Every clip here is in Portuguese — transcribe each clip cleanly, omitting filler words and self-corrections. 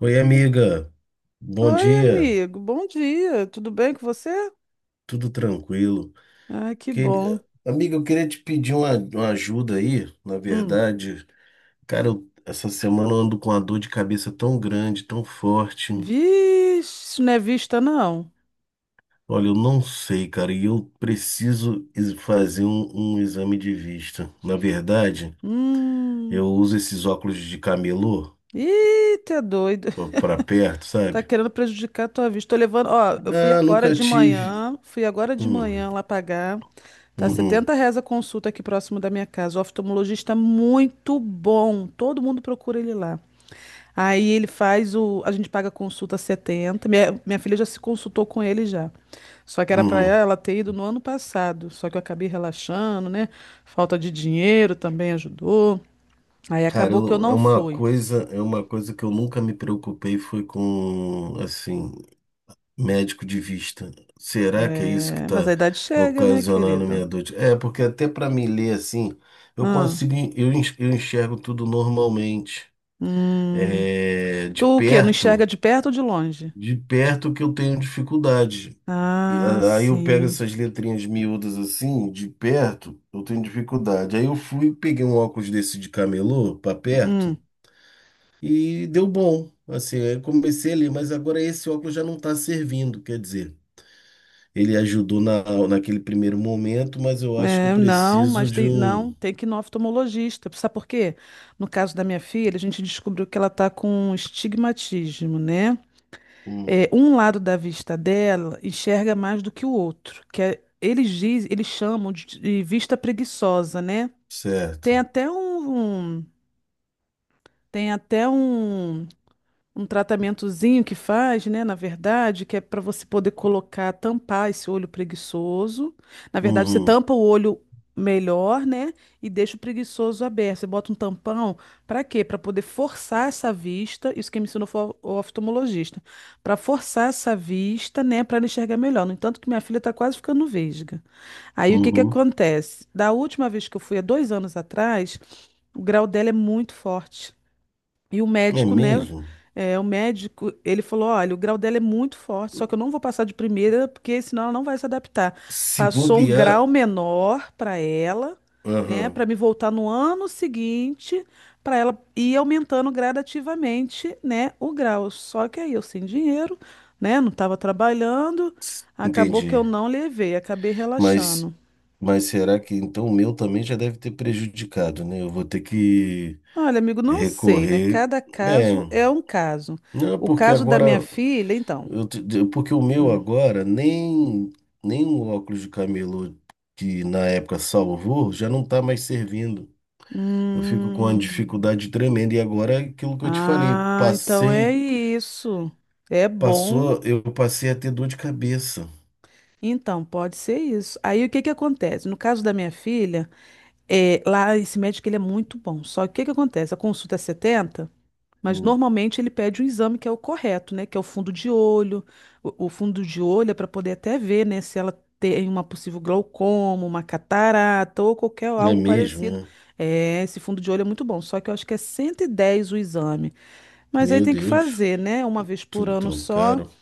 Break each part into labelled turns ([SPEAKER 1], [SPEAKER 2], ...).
[SPEAKER 1] Oi, amiga. Bom
[SPEAKER 2] Oi,
[SPEAKER 1] dia.
[SPEAKER 2] amigo. Bom dia. Tudo bem com você?
[SPEAKER 1] Tudo tranquilo?
[SPEAKER 2] Ah, que bom.
[SPEAKER 1] Amiga, eu queria te pedir uma ajuda aí. Na
[SPEAKER 2] Hum.
[SPEAKER 1] verdade, cara, essa semana eu ando com uma dor de cabeça tão grande, tão forte.
[SPEAKER 2] Vixe, isso não é vista, não.
[SPEAKER 1] Olha, eu não sei, cara, e eu preciso fazer um exame de vista. Na verdade,
[SPEAKER 2] Hum.
[SPEAKER 1] eu uso esses óculos de camelô
[SPEAKER 2] Ih, tá doido.
[SPEAKER 1] pra perto,
[SPEAKER 2] Tá
[SPEAKER 1] sabe?
[SPEAKER 2] querendo prejudicar a tua vista. Tô levando, ó, eu fui
[SPEAKER 1] Ah,
[SPEAKER 2] agora
[SPEAKER 1] nunca
[SPEAKER 2] de
[SPEAKER 1] tive.
[SPEAKER 2] manhã, fui agora de
[SPEAKER 1] Hum,
[SPEAKER 2] manhã lá pagar. Tá
[SPEAKER 1] uhum,
[SPEAKER 2] setenta 70 reais a consulta aqui próximo da minha casa. O oftalmologista é muito bom. Todo mundo procura ele lá. Aí ele faz o. A gente paga a consulta 70. Minha filha já se consultou com ele já. Só que era pra
[SPEAKER 1] uhum.
[SPEAKER 2] ela ter ido no ano passado. Só que eu acabei relaxando, né? Falta de dinheiro também ajudou. Aí
[SPEAKER 1] Cara,
[SPEAKER 2] acabou que eu
[SPEAKER 1] é
[SPEAKER 2] não
[SPEAKER 1] uma
[SPEAKER 2] fui.
[SPEAKER 1] coisa, é uma coisa que eu nunca me preocupei foi com, assim, médico de vista. Será que é isso que
[SPEAKER 2] É, mas a
[SPEAKER 1] está
[SPEAKER 2] idade chega, né,
[SPEAKER 1] ocasionando
[SPEAKER 2] querida?
[SPEAKER 1] minha dor? É, porque até para me ler assim, eu
[SPEAKER 2] Ah.
[SPEAKER 1] consigo, eu enxergo tudo normalmente.
[SPEAKER 2] Hum.
[SPEAKER 1] É,
[SPEAKER 2] Tu
[SPEAKER 1] de
[SPEAKER 2] o quê? Não enxerga
[SPEAKER 1] perto,
[SPEAKER 2] de perto ou de longe?
[SPEAKER 1] de perto que eu tenho dificuldade.
[SPEAKER 2] Ah,
[SPEAKER 1] Aí eu pego
[SPEAKER 2] sim.
[SPEAKER 1] essas letrinhas miúdas assim, de perto, eu tenho dificuldade. Aí eu fui, peguei um óculos desse de camelô, para perto.
[SPEAKER 2] Hum.
[SPEAKER 1] E deu bom. Assim, eu comecei ali, mas agora esse óculos já não está servindo. Quer dizer, ele ajudou naquele primeiro momento, mas eu acho que eu
[SPEAKER 2] É, não,
[SPEAKER 1] preciso
[SPEAKER 2] mas
[SPEAKER 1] de
[SPEAKER 2] tem,
[SPEAKER 1] um.
[SPEAKER 2] não, tem que ir no oftalmologista. Sabe por quê? No caso da minha filha, a gente descobriu que ela está com um estigmatismo, né? É,
[SPEAKER 1] um-
[SPEAKER 2] um lado da vista dela enxerga mais do que o outro, eles chamam de vista preguiçosa, né? Tem
[SPEAKER 1] Certo.
[SPEAKER 2] até um, um- tem até um tratamentozinho que faz, né, na verdade, que é para você poder colocar, tampar esse olho preguiçoso. Na verdade, você
[SPEAKER 1] Uhum,
[SPEAKER 2] tampa o olho melhor, né, e deixa o preguiçoso aberto. Você bota um tampão para quê? Para poder forçar essa vista. Isso que me ensinou foi o oftalmologista. Para forçar essa vista, né, para ela enxergar melhor. No entanto, que minha filha está quase ficando vesga. Aí o que que
[SPEAKER 1] uhum.
[SPEAKER 2] acontece? Da última vez que eu fui, há 2 anos atrás, o grau dela é muito forte. E o
[SPEAKER 1] É
[SPEAKER 2] médico, né?
[SPEAKER 1] mesmo?
[SPEAKER 2] É, o médico, ele falou: olha, o grau dela é muito forte, só que eu não vou passar de primeira, porque senão ela não vai se adaptar.
[SPEAKER 1] Se
[SPEAKER 2] Passou um grau
[SPEAKER 1] bobear.
[SPEAKER 2] menor para ela, né?
[SPEAKER 1] Aham.
[SPEAKER 2] Para me voltar no ano seguinte, para ela ir aumentando gradativamente, né? O grau. Só que aí eu sem dinheiro, né? Não estava trabalhando, acabou que eu
[SPEAKER 1] Entendi.
[SPEAKER 2] não levei, acabei
[SPEAKER 1] Mas,
[SPEAKER 2] relaxando.
[SPEAKER 1] mas será que então o meu também já deve ter prejudicado, né? Eu vou ter que
[SPEAKER 2] Olha, amigo, não sei, né?
[SPEAKER 1] recorrer.
[SPEAKER 2] Cada
[SPEAKER 1] É.
[SPEAKER 2] caso é um caso.
[SPEAKER 1] Não,
[SPEAKER 2] O
[SPEAKER 1] porque
[SPEAKER 2] caso da minha
[SPEAKER 1] agora.
[SPEAKER 2] filha, então.
[SPEAKER 1] Porque o meu
[SPEAKER 2] Hum.
[SPEAKER 1] agora, nem o óculos de camelô que na época salvou, já não tá mais servindo. Eu fico com uma
[SPEAKER 2] Hum.
[SPEAKER 1] dificuldade tremenda. E agora é aquilo que eu te falei,
[SPEAKER 2] Ah, então é
[SPEAKER 1] passei,
[SPEAKER 2] isso. É bom.
[SPEAKER 1] passou, eu passei a ter dor de cabeça.
[SPEAKER 2] Então, pode ser isso. Aí o que que acontece? No caso da minha filha, é, lá esse médico ele é muito bom. Só que o que que acontece? A consulta é setenta, mas
[SPEAKER 1] Hum.
[SPEAKER 2] normalmente ele pede um exame que é o correto, né? Que é o fundo de olho. O fundo de olho é para poder até ver, né, se ela tem uma possível glaucoma, uma catarata ou qualquer
[SPEAKER 1] Não é
[SPEAKER 2] algo
[SPEAKER 1] mesmo,
[SPEAKER 2] parecido.
[SPEAKER 1] né?
[SPEAKER 2] É, esse fundo de olho é muito bom. Só que eu acho que é 110 o exame. Mas aí
[SPEAKER 1] Meu
[SPEAKER 2] tem que
[SPEAKER 1] Deus,
[SPEAKER 2] fazer, né? Uma vez por
[SPEAKER 1] tudo
[SPEAKER 2] ano
[SPEAKER 1] tão
[SPEAKER 2] só.
[SPEAKER 1] caro.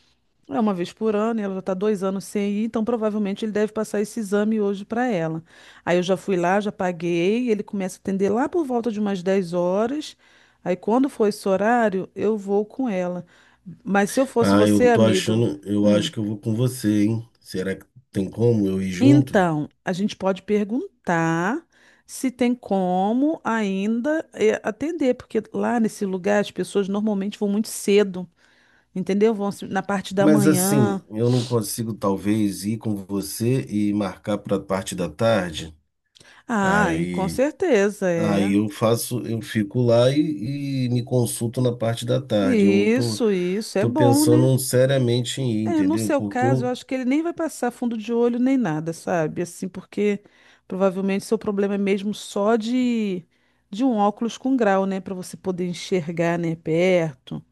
[SPEAKER 2] É uma vez por ano, e ela já está 2 anos sem ir, então provavelmente ele deve passar esse exame hoje para ela. Aí eu já fui lá, já paguei, ele começa a atender lá por volta de umas 10h. Aí quando for esse horário, eu vou com ela. Mas se eu fosse
[SPEAKER 1] Ah,
[SPEAKER 2] você, amigo,
[SPEAKER 1] eu
[SPEAKER 2] hum,
[SPEAKER 1] acho que eu vou com você, hein? Será que tem como eu ir junto?
[SPEAKER 2] então a gente pode perguntar se tem como ainda atender, porque lá nesse lugar as pessoas normalmente vão muito cedo. Entendeu? Vão se- Na parte da
[SPEAKER 1] Mas
[SPEAKER 2] manhã.
[SPEAKER 1] assim, eu não consigo talvez ir com você e marcar para a parte da tarde.
[SPEAKER 2] Ah, e com
[SPEAKER 1] Aí,
[SPEAKER 2] certeza é.
[SPEAKER 1] aí eu faço, eu fico lá e me consulto na parte da tarde. Eu tô,
[SPEAKER 2] Isso é
[SPEAKER 1] tô
[SPEAKER 2] bom, né?
[SPEAKER 1] pensando seriamente em ir,
[SPEAKER 2] É, no
[SPEAKER 1] entendeu?
[SPEAKER 2] seu
[SPEAKER 1] Porque
[SPEAKER 2] caso, eu
[SPEAKER 1] eu,
[SPEAKER 2] acho que ele nem vai passar fundo de olho nem nada, sabe? Assim, porque provavelmente seu problema é mesmo só de um óculos com grau, né, para você poder enxergar, né, perto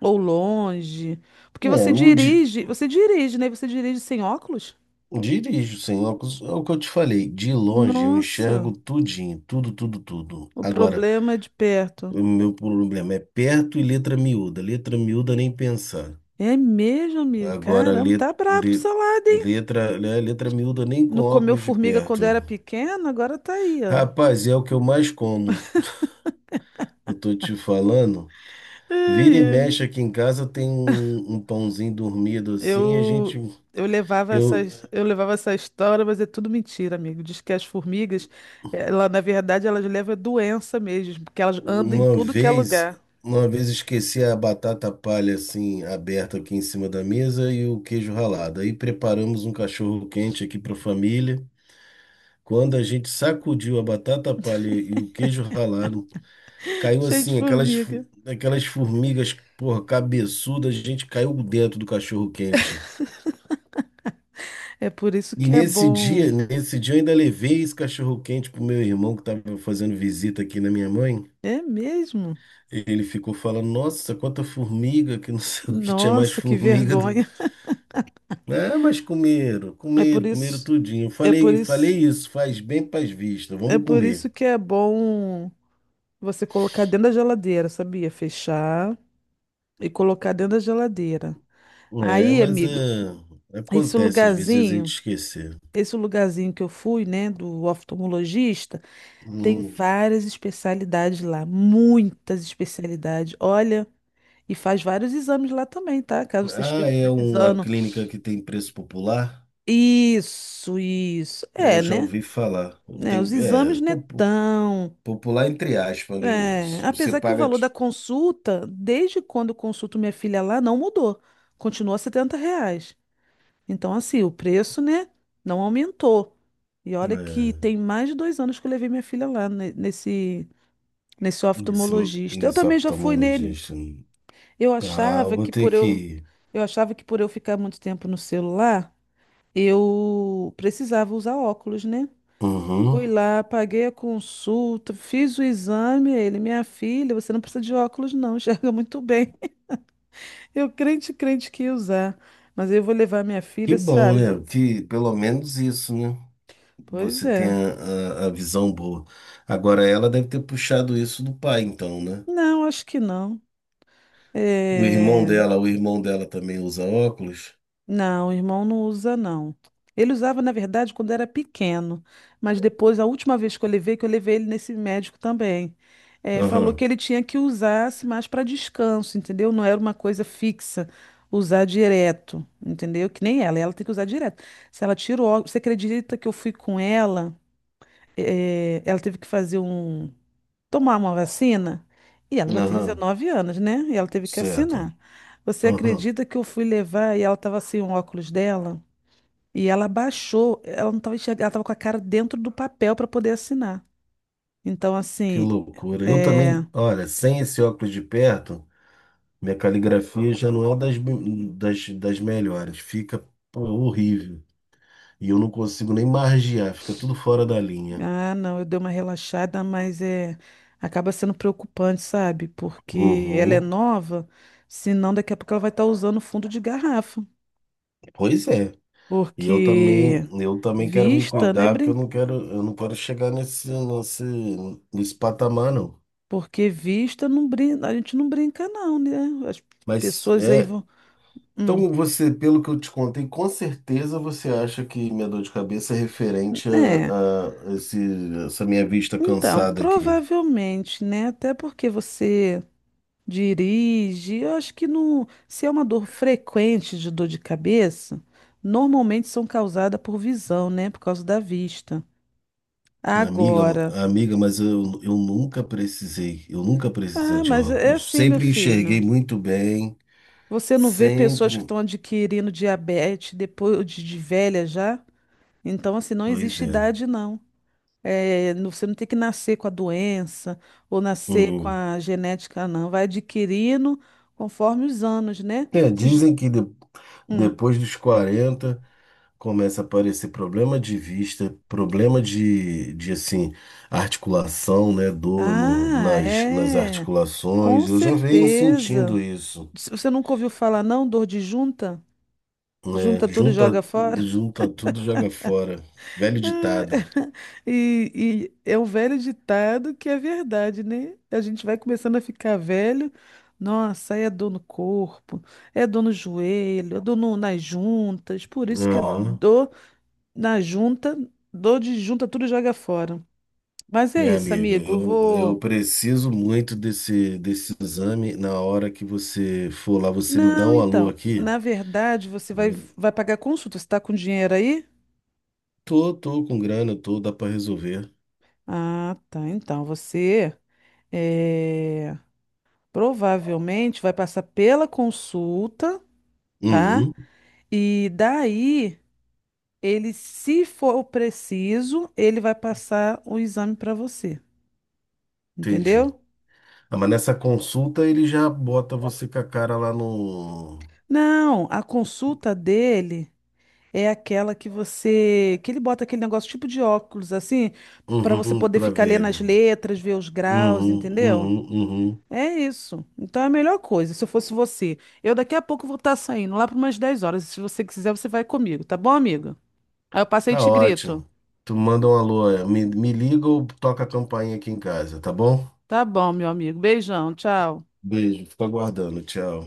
[SPEAKER 2] ou longe. Porque
[SPEAKER 1] é, eu di-
[SPEAKER 2] você dirige, né? Você dirige sem óculos?
[SPEAKER 1] dirijo sem óculos, é o que eu te falei. De longe eu enxergo
[SPEAKER 2] Nossa,
[SPEAKER 1] tudinho, tudo, tudo, tudo.
[SPEAKER 2] o
[SPEAKER 1] Agora,
[SPEAKER 2] problema é de perto.
[SPEAKER 1] o meu problema é perto e letra miúda. Letra miúda nem pensar.
[SPEAKER 2] É mesmo, amigo?
[SPEAKER 1] Agora,
[SPEAKER 2] Caramba, tá brabo o salada, hein?
[SPEAKER 1] letra, né, letra miúda nem com
[SPEAKER 2] Não comeu
[SPEAKER 1] óculos de
[SPEAKER 2] formiga quando
[SPEAKER 1] perto.
[SPEAKER 2] era pequeno, agora tá aí, ó.
[SPEAKER 1] Rapaz, é o que eu mais como. Eu tô te falando.
[SPEAKER 2] Ai,
[SPEAKER 1] Vira e
[SPEAKER 2] ai.
[SPEAKER 1] mexe aqui em casa tem um pãozinho dormido assim.
[SPEAKER 2] Eu, eu levava
[SPEAKER 1] Eu
[SPEAKER 2] essas, eu levava essa história, mas é tudo mentira, amigo. Diz que as formigas, ela, na verdade, elas levam doença mesmo, porque elas andam em
[SPEAKER 1] uma
[SPEAKER 2] tudo que é
[SPEAKER 1] vez,
[SPEAKER 2] lugar,
[SPEAKER 1] uma vez esqueci a batata palha assim aberta aqui em cima da mesa e o queijo ralado. Aí preparamos um cachorro quente aqui para a família. Quando a gente sacudiu a batata palha e o queijo ralado caiu
[SPEAKER 2] cheio de
[SPEAKER 1] assim, aquelas,
[SPEAKER 2] formiga.
[SPEAKER 1] fu- aquelas formigas, porra, cabeçudas, a gente caiu dentro do cachorro-quente.
[SPEAKER 2] É por isso
[SPEAKER 1] E
[SPEAKER 2] que é
[SPEAKER 1] nesse
[SPEAKER 2] bom.
[SPEAKER 1] dia, nesse dia eu ainda levei esse cachorro-quente pro meu irmão que tava fazendo visita aqui na minha mãe.
[SPEAKER 2] É mesmo?
[SPEAKER 1] Ele ficou falando, nossa, quanta formiga, que não sei o que tinha mais
[SPEAKER 2] Nossa, que
[SPEAKER 1] formiga do.
[SPEAKER 2] vergonha.
[SPEAKER 1] Ah, mas comeram,
[SPEAKER 2] É por
[SPEAKER 1] comeram, comeram
[SPEAKER 2] isso,
[SPEAKER 1] tudinho. Eu
[SPEAKER 2] é por
[SPEAKER 1] Falei,
[SPEAKER 2] isso,
[SPEAKER 1] falei isso, faz bem pras vistas,
[SPEAKER 2] é
[SPEAKER 1] vamos
[SPEAKER 2] por
[SPEAKER 1] comer.
[SPEAKER 2] isso que é bom. Você colocar dentro da geladeira, sabia? Fechar e colocar dentro da geladeira.
[SPEAKER 1] É,
[SPEAKER 2] Aí,
[SPEAKER 1] mas é,
[SPEAKER 2] amigo, esse
[SPEAKER 1] acontece às vezes a gente
[SPEAKER 2] lugarzinho,
[SPEAKER 1] esquecer.
[SPEAKER 2] esse lugarzinho que eu fui, né, do oftalmologista, tem
[SPEAKER 1] Hum.
[SPEAKER 2] várias especialidades lá, muitas especialidades. Olha, e faz vários exames lá também, tá? Caso você
[SPEAKER 1] Ah,
[SPEAKER 2] esteja
[SPEAKER 1] é uma
[SPEAKER 2] precisando.
[SPEAKER 1] clínica que tem preço popular?
[SPEAKER 2] Isso, isso.
[SPEAKER 1] Eu
[SPEAKER 2] É,
[SPEAKER 1] já
[SPEAKER 2] né?
[SPEAKER 1] ouvi falar.
[SPEAKER 2] Né,
[SPEAKER 1] Tem,
[SPEAKER 2] os
[SPEAKER 1] é,
[SPEAKER 2] exames não é
[SPEAKER 1] popu-
[SPEAKER 2] tão.
[SPEAKER 1] popular entre aspas.
[SPEAKER 2] É,
[SPEAKER 1] Você
[SPEAKER 2] apesar que o
[SPEAKER 1] paga
[SPEAKER 2] valor da consulta, desde quando eu consulto minha filha lá, não mudou. Continua 70 reais. Então, assim, o preço, né, não aumentou. E olha que
[SPEAKER 1] é,
[SPEAKER 2] tem mais de 2 anos que eu levei minha filha lá nesse
[SPEAKER 1] nesse,
[SPEAKER 2] oftalmologista. Eu
[SPEAKER 1] nesse
[SPEAKER 2] também já fui nele.
[SPEAKER 1] oftalmologista.
[SPEAKER 2] Eu
[SPEAKER 1] Ah, eu
[SPEAKER 2] achava
[SPEAKER 1] vou
[SPEAKER 2] que
[SPEAKER 1] ter
[SPEAKER 2] por
[SPEAKER 1] que
[SPEAKER 2] eu,
[SPEAKER 1] ir.
[SPEAKER 2] eu achava que por eu ficar muito tempo no celular, eu precisava usar óculos, né?
[SPEAKER 1] Uhum.
[SPEAKER 2] Fui lá, paguei a consulta, fiz o exame. Ele, minha filha, você não precisa de óculos, não, enxerga muito bem. Eu crente, crente que ia usar. Mas eu vou levar minha
[SPEAKER 1] Que
[SPEAKER 2] filha,
[SPEAKER 1] bom,
[SPEAKER 2] sabe?
[SPEAKER 1] né? Que pelo menos isso, né?
[SPEAKER 2] Pois
[SPEAKER 1] Você tem
[SPEAKER 2] é.
[SPEAKER 1] a visão boa. Agora, ela deve ter puxado isso do pai, então, né?
[SPEAKER 2] Não, acho que não.
[SPEAKER 1] O irmão
[SPEAKER 2] É,
[SPEAKER 1] dela, o irmão dela também usa óculos?
[SPEAKER 2] não, o irmão não usa, não. Ele usava, na verdade, quando era pequeno, mas depois, a última vez que eu levei ele nesse médico também, falou
[SPEAKER 1] Aham,
[SPEAKER 2] que ele tinha que usar assim, mais para descanso, entendeu? Não era uma coisa fixa, usar direto, entendeu? Que nem ela, ela tem que usar direto. Se ela tirou, você acredita que eu fui com ela, ela teve que fazer um tomar uma vacina. E ela já tem
[SPEAKER 1] aham,
[SPEAKER 2] 19 anos, né? E ela teve que
[SPEAKER 1] certo.
[SPEAKER 2] assinar. Você
[SPEAKER 1] Aham.
[SPEAKER 2] acredita que eu fui levar e ela estava sem o óculos dela? E ela baixou, ela não estava enxergando, ela estava com a cara dentro do papel para poder assinar. Então,
[SPEAKER 1] Que
[SPEAKER 2] assim,
[SPEAKER 1] loucura. Eu
[SPEAKER 2] é...
[SPEAKER 1] também, olha, sem esse óculos de perto, minha caligrafia já não é das melhores. Fica, pô, horrível. E eu não consigo nem margear, fica tudo fora da linha.
[SPEAKER 2] Ah, não, eu dei uma relaxada, mas é... acaba sendo preocupante, sabe? Porque ela é
[SPEAKER 1] Uhum.
[SPEAKER 2] nova, senão daqui a pouco ela vai estar usando fundo de garrafa.
[SPEAKER 1] Pois é. E eu
[SPEAKER 2] Porque
[SPEAKER 1] também, eu também quero me
[SPEAKER 2] vista, né?
[SPEAKER 1] cuidar, porque eu não quero chegar nesse patamar, não.
[SPEAKER 2] Porque vista não brinca, a gente não brinca não, né? As
[SPEAKER 1] Mas
[SPEAKER 2] pessoas aí
[SPEAKER 1] é.
[SPEAKER 2] vão, hum,
[SPEAKER 1] Então, você, pelo que eu te contei, com certeza você acha que minha dor de cabeça é referente
[SPEAKER 2] é.
[SPEAKER 1] a essa minha vista
[SPEAKER 2] Então,
[SPEAKER 1] cansada aqui.
[SPEAKER 2] provavelmente, né? Até porque você dirige, eu acho que no se é uma dor frequente de dor de cabeça, normalmente são causadas por visão, né? Por causa da vista.
[SPEAKER 1] Né? Amiga,
[SPEAKER 2] Agora,
[SPEAKER 1] amiga, mas eu nunca precisei
[SPEAKER 2] ah,
[SPEAKER 1] de
[SPEAKER 2] mas é
[SPEAKER 1] óculos.
[SPEAKER 2] assim, meu
[SPEAKER 1] Sempre enxerguei
[SPEAKER 2] filho.
[SPEAKER 1] muito bem,
[SPEAKER 2] Você não vê pessoas que
[SPEAKER 1] sempre.
[SPEAKER 2] estão adquirindo diabetes depois de velha já? Então, assim, não
[SPEAKER 1] Pois
[SPEAKER 2] existe
[SPEAKER 1] é.
[SPEAKER 2] idade, não. É, você não tem que nascer com a doença ou nascer com
[SPEAKER 1] Uhum.
[SPEAKER 2] a genética, não. Vai adquirindo conforme os anos, né?
[SPEAKER 1] É,
[SPEAKER 2] Se ge-
[SPEAKER 1] dizem que
[SPEAKER 2] Hum.
[SPEAKER 1] depois dos 40 começa a aparecer problema de vista, problema de assim, articulação, né? Dor no-
[SPEAKER 2] Ah,
[SPEAKER 1] nas, nas
[SPEAKER 2] é. Com
[SPEAKER 1] articulações. Eu já venho
[SPEAKER 2] certeza.
[SPEAKER 1] sentindo isso,
[SPEAKER 2] Se você nunca ouviu falar, não? Dor de junta?
[SPEAKER 1] né?
[SPEAKER 2] Junta tudo e
[SPEAKER 1] Junta,
[SPEAKER 2] joga fora?
[SPEAKER 1] junta tudo, joga fora. Velho ditado.
[SPEAKER 2] E é um velho ditado que é verdade, né? A gente vai começando a ficar velho. Nossa, aí é dor no corpo, é dor no joelho, é dor nas juntas. Por isso que é
[SPEAKER 1] Aham.
[SPEAKER 2] dor na junta, dor de junta, tudo joga fora. Mas é
[SPEAKER 1] Minha
[SPEAKER 2] isso,
[SPEAKER 1] amiga,
[SPEAKER 2] amigo. Eu
[SPEAKER 1] eu
[SPEAKER 2] vou.
[SPEAKER 1] preciso muito desse exame. Na hora que você for lá, você me dá
[SPEAKER 2] Não,
[SPEAKER 1] um alô
[SPEAKER 2] então.
[SPEAKER 1] aqui.
[SPEAKER 2] Na verdade, você vai pagar consulta. Você tá com dinheiro aí?
[SPEAKER 1] Tô com grana, dá pra resolver.
[SPEAKER 2] Ah, tá. Então, você. eh, Provavelmente vai passar pela consulta, tá?
[SPEAKER 1] Uhum,
[SPEAKER 2] E daí, ele, se for preciso, ele vai passar o exame para você,
[SPEAKER 1] entendi.
[SPEAKER 2] entendeu?
[SPEAKER 1] Ah, mas nessa consulta ele já bota você com a cara lá no.
[SPEAKER 2] Não, a consulta dele é aquela que ele bota aquele negócio tipo de óculos assim, para você
[SPEAKER 1] Uhum,
[SPEAKER 2] poder
[SPEAKER 1] pra
[SPEAKER 2] ficar
[SPEAKER 1] ver.
[SPEAKER 2] lendo as
[SPEAKER 1] Uhum,
[SPEAKER 2] letras, ver os graus,
[SPEAKER 1] uhum,
[SPEAKER 2] entendeu?
[SPEAKER 1] uhum.
[SPEAKER 2] É isso. Então é a melhor coisa, se eu fosse você. Eu daqui a pouco vou estar saindo lá para umas 10h. Se você quiser, você vai comigo, tá bom, amiga? Aí eu passei e
[SPEAKER 1] Tá
[SPEAKER 2] te grito.
[SPEAKER 1] ótimo. Tu manda um alô, me liga ou toca a campainha aqui em casa, tá bom?
[SPEAKER 2] Tá bom, meu amigo. Beijão, tchau.
[SPEAKER 1] Beijo, fico aguardando, tchau.